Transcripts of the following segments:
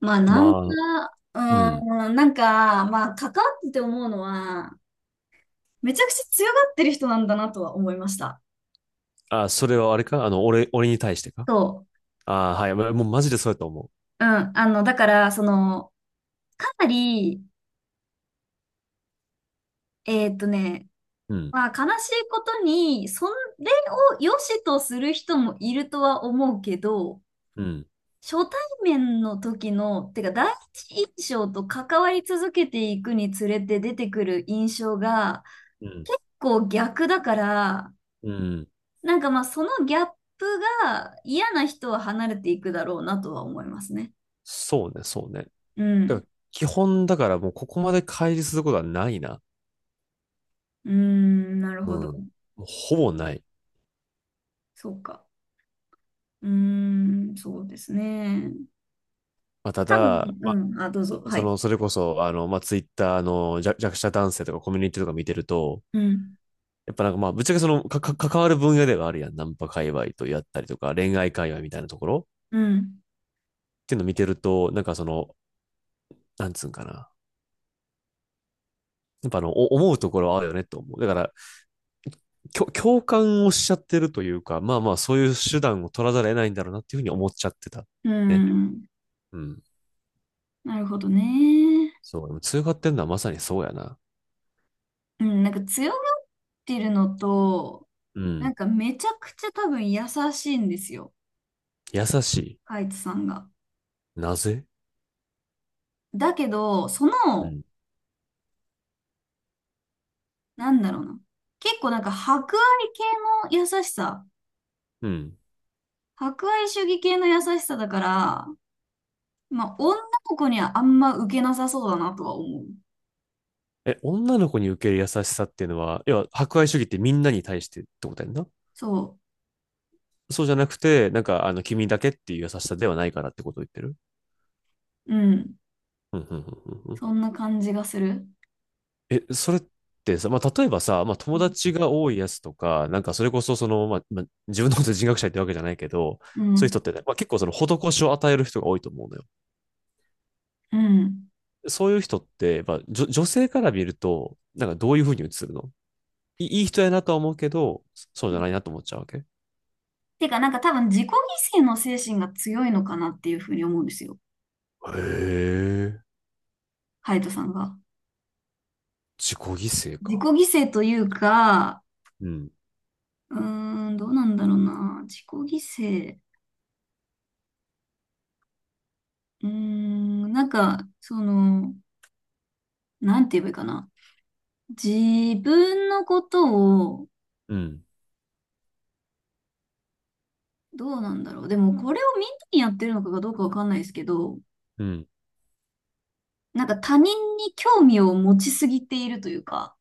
まあ、ナンパ、まあ、うん。関わってて思うのは、めちゃくちゃ強がってる人なんだなとは思いました。あ、それはあれか俺、俺に対してか、そあ、はい。ま、もうマジでそうやと思う。うん。だから、かなり、えーっとね、う。うん、まあ、悲しいことに、それを良しとする人もいるとは思うけど、うん、初対面の時の、てか、第一印象と関わり続けていくにつれて出てくる印象が、うん、結構逆だから、うん。そのギャップが嫌な人は離れていくだろうなとは思いますね。そうね、そうね。うだかん。ら、基本だからもうここまで乖離することはないな。うーん、なるうほん。ど。もうほぼない。そうか。うーん、そうですね。まあ、た多分、だ、うまん、あ、どうぞ。あ、はい。それこそ、ツイッターの弱者男性とかコミュニティとか見てると、うん、やっぱぶっちゃけ関わる分野ではあるやん。ナンパ界隈とやったりとか、恋愛界隈みたいなところうん、っていうの見てると、なんつうんかな。やっぱ思うところはあるよねと思う。だから、共感をしちゃってるというか、そういう手段を取らざるを得ないんだろうなっていうふうに思っちゃってた。うね。ん。うん。なるほどね。そう。でも通過ってんのはまさにそうやな。うん、なんか強がってるのと、うん。めちゃくちゃ多分優しいんですよ。優しカイツさんが。い。なぜ。だけど、うん。なんだろうな。結構博愛系の優しさ。うん。博愛主義系の優しさだから、まあ、女の子にはあんま受けなさそうだなとは思う。え、女の子に受ける優しさっていうのは、要は、博愛主義ってみんなに対してってことやんな。そそうじゃなくて、君だけっていう優しさではないからってことを言ってる。う。うん。うん、うん、うん、う、そんな感じがする。え、それってさ、例えばさ、友達が多いやつとか、なんかそれこそ自分のこと人格者ってわけじゃないけど、うそういう人ん。ってね、まあ、結構その施しを与える人が多いと思うのよ。うん。そういう人って、まあ、女性から見ると、なんかどういうふうに映るの。い、いい人やなとは思うけど、そうじゃないなと思っちゃうわけへ。てか、なんか多分自己犠牲の精神が強いのかなっていうふうに思うんですよ。え、ハヤトさんが。自己犠牲自己か。犠牲というか、うん、うーん、どうなんだろうな。自己犠牲。うーん、なんか、その、なんて言えばいいかな。自分のことをうん、どうなんだろう。でも、これをみんなにやってるのかどうかわかんないですけど、うん。なんか他人に興味を持ちすぎているというか、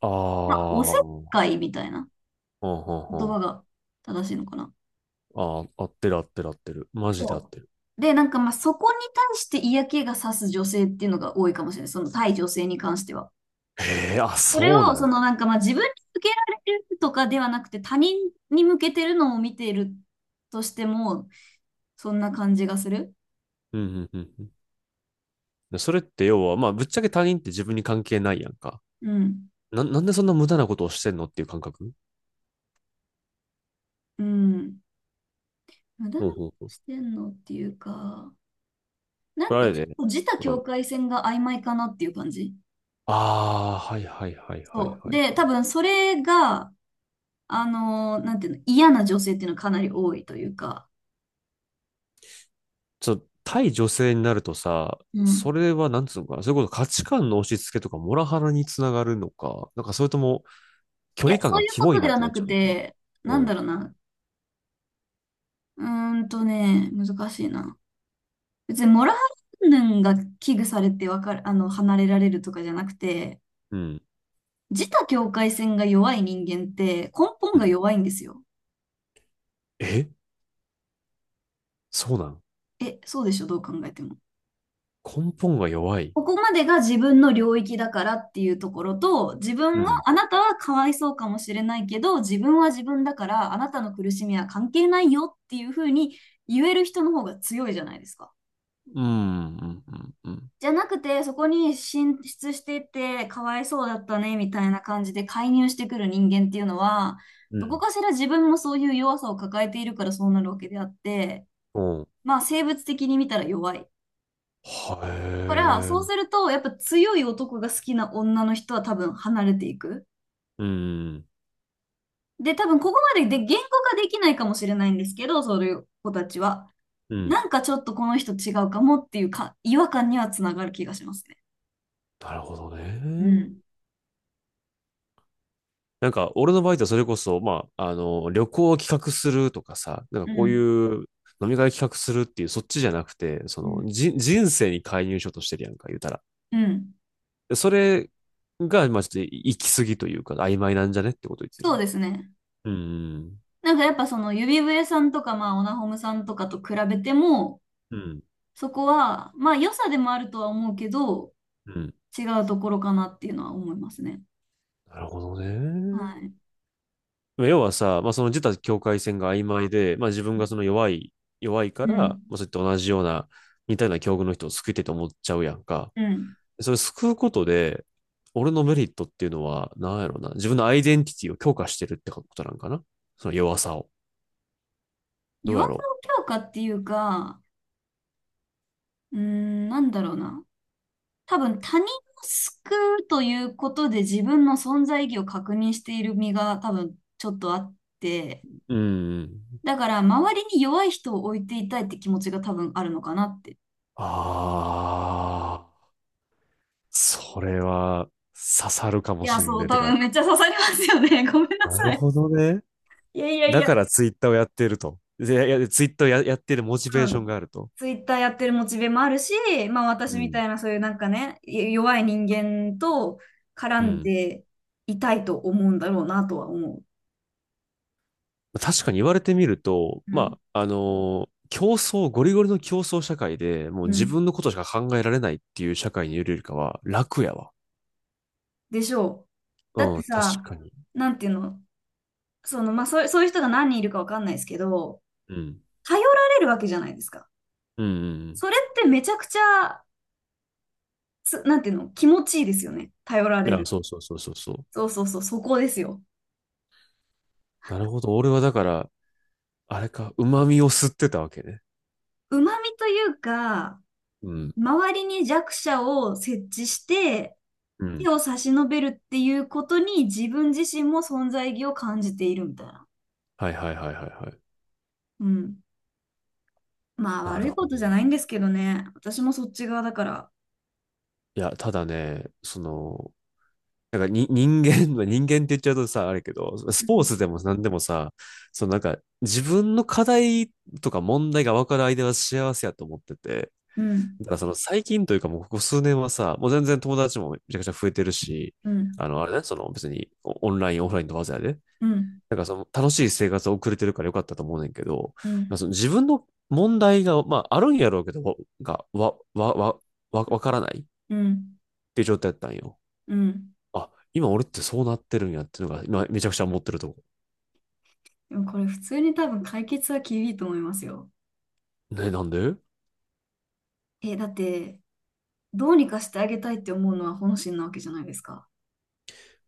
あまあ、おあ、せっうんかいみたいなうん言う葉ん。が正しいのかな。ああ、うん、ああ、合ってる、合ってる、合ってる。マジで合っそてる。う。で、そこに対して嫌気がさす女性っていうのが多いかもしれない。その対女性に関しては。へえ、あ、それそうなを、ん。自分に向けられるとかではなくて、他人に向けてるのを見ているとしても、そんな感じがする。うんうんうんうん。でそれって要は、まあ、ぶっちゃけ他人って自分に関係ないやんか。うん。な、なんでそんな無駄なことをしてんのっていう感覚。うん。なだらほうかにほうほう。してんのっていうか、なこんれあかれちょっで、と自他う境ん、界線が曖昧かなっていう感じ。ああ、はいはいはいはいそう。はい。で、多分それが、なんていうの、嫌な女性っていうのはかなり多いというか、ちょっと、対女性になるとさ、うそん。れはなんつうのかな、それこそ価値観の押し付けとかモラハラにつながるのか、なんかそれとも距いや、離感そうがいうキこモいとなでっはてななっちゃくうのか。て、うなんん、だろうな。うーんとね、難しいな。別にモラハラ云々が危惧されてわかる、離れられるとかじゃなくて、うん、自他境界線が弱い人間って根本うがん。弱いんですよ。え、そうなん。え、そうでしょ、どう考えても。根本が弱い。ここまでが自分の領域だからっていうところと、自う分が、ん、あなたはかわいそうかもしれないけど、自分は自分だから、あなたの苦しみは関係ないよっていうふうに言える人の方が強いじゃないですか。うん、うん、うん、うん。じゃなくて、そこに進出していって、かわいそうだったね、みたいな感じで介入してくる人間っていうのは、うどこん。かしら自分もそういう弱さを抱えているからそうなるわけであって、うん。まあ生物的に見たら弱い。はから、え。そうすると、やっぱ強い男が好きな女の人は多分離れていく。うん。で、多分ここまでで言語化できないかもしれないんですけど、そういう子たちは。うん。なんかちょっとこの人違うかもっていうか、違和感にはつながる気がしますね。なるほどうね。ん。なんか、俺の場合ってそれこそ、旅行を企画するとかさ、なんかうこういん。う飲み会企画するっていう、そっちじゃなくて、うん。人生に介入しようとしてるやんか、言うたら。うんでそれが、まあ、ちょっと行き過ぎというか、曖昧なんじゃねってこと言ってる。そうですね。うん。やっぱ指笛さんとか、まあオナホムさんとかと比べても、うん。そこは、まあ良さでもあるとは思うけど、うん。違うところかなっていうのは思いますね。なるほどはね。い。まあ要はさ、まあ、その自他境界線が曖昧で、まあ、自分がその弱い、弱いから、うん。まあ、そういった同じような、似たような境遇の人を救いたいと思っちゃうやんか。うん。それ救うことで、俺のメリットっていうのは、なんやろうな。自分のアイデンティティを強化してるってことなんかな、その弱さを。どう弱やさろの強化っていうか、なんだろうな。多分他人を救うということで自分の存在意義を確認している身が多分ちょっとあって、う。うんうん。だから周りに弱い人を置いていたいって気持ちが多分あるのかなって。ああ、それは刺さるかいもや、しんそねう、え。て多か、分めっちゃ刺さりますよね。ごめんななさるい。ほどね。いやいやいだや。からツイッターをやっていると。で、いや、ツイッターをやっているモチベうーショん。ンがあると。ツイッターやってるモチベもあるし、う私みん。たいなそういうなんかね、弱い人間と絡うんん。でいたいと思うんだろうなとは思う。確かに言われてみると、うん競争、ゴリゴリの競争社会で、もうう自ん。分のことしか考えられないっていう社会にいるよりかは、楽やわ。でしょう。だっうてん、確さ、かに。なんていうの、そうそういう人が何人いるかわかんないですけど、うん。頼られるわけじゃないですか。うん、うんうん。それってめちゃくちゃ、なんていうの、気持ちいいですよね。頼らいれや、る。そうそうそうそうそう。そうそうそう、そこですよ。なるほど。俺はだから、あれか、旨味を吸ってたわけね。旨味というか、うん。周りに弱者を設置して、う手ん。を差し伸べるっていうことに自分自身も存在意義を感じているみたいな。はいはいはいはいはい。うん。まあな悪るいこほとど。じゃないんですけどね。私もそっち側だから。いや、ただね、なんかに人間、まあ人間って言っちゃうとさ、あれけど、うスポーん。ツでも何でもさ、そのなんか自分の課題とか問題が分かる相手は幸せやと思ってて、うんだからその最近というかもうここ数年はさ、もう全然友達もめちゃくちゃ増えてるし、うん、あの、あれね、その別にオオンライン、オフラインとわざやで、うん、なんかその楽しい生活を送れてるからよかったと思うねんけど、うなんん、かその自分の問題が、まああるんやろうけど、わが、わ、わ、わ、わ、わからないっうん、ていう状態だったんよ。うん。あ、今俺ってそうなってるんやっていうのが、今めちゃくちゃ思ってるとこ。でもこれ普通に多分解決は厳しいと思いますよ。ね、なんで。え、だって、どうにかしてあげたいって思うのは本心なわけじゃないですか。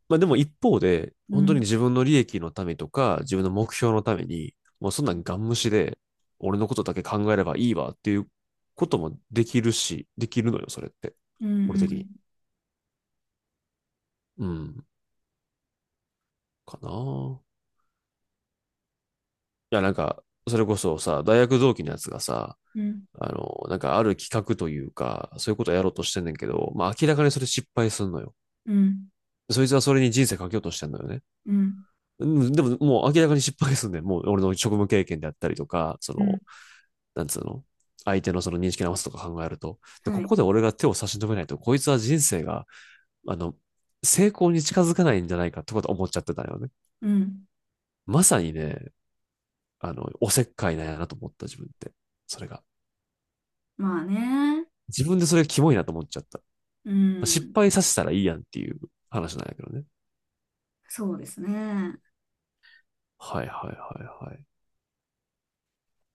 まあでも一方で、う本当にん、自分の利益のためとか、自分の目標のために、もうそんなんガン無視で、俺のことだけ考えればいいわっていうこともできるし、できるのよ、それって。うん、う俺的ん、に。うん、かなあ。いや、なんか、それこそさ、大学同期のやつがさ、うん、なんかある企画というか、そういうことやろうとしてんねんけど、まあ明らかにそれ失敗すんのよ。うん、そいつはそれに人生かけようとしてんのよね。うん、うん、でももう明らかに失敗するんね、もう俺の職務経験であったりとか、そうん。の、なんつうの、相手のその認識直すとか考えると。で、はこい、こで俺が手を差し伸べないと、こいつは人生が、あの、成功に近づかないんじゃないかとかと思っちゃってたよね。うん。まさにね、あの、おせっかいなんやなと思った自分って。それが。まあね、自分でそれがキモいなと思っちゃった。う失ん、敗させたらいいやんっていう話なんやけどね。そうですね。っはいはいはいはい。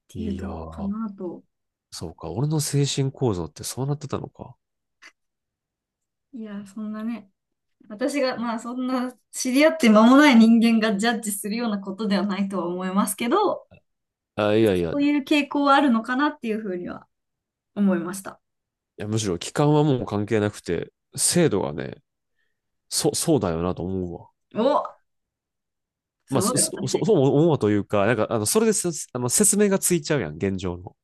ていういとやこかー、なと。そうか。俺の精神構造ってそうなってたのか。いや、そんなね、私が、まあそんな知り合って間もない人間がジャッジするようなことではないとは思いますけど、あ、いやいや、そういう傾向はあるのかなっていうふうには思いました。いや、むしろ期間はもう関係なくて、制度がね、そうだよなと思うわ。お、すまあ、ごいそう私。思うわというか、それです、あの、説明がついちゃうやん、現状の。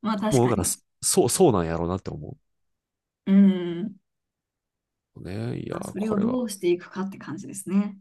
まあ確もかう、だから、に。そうなんやろうなって思うん。う。ね、いや、まあそれこをれどはうしていくかって感じですね。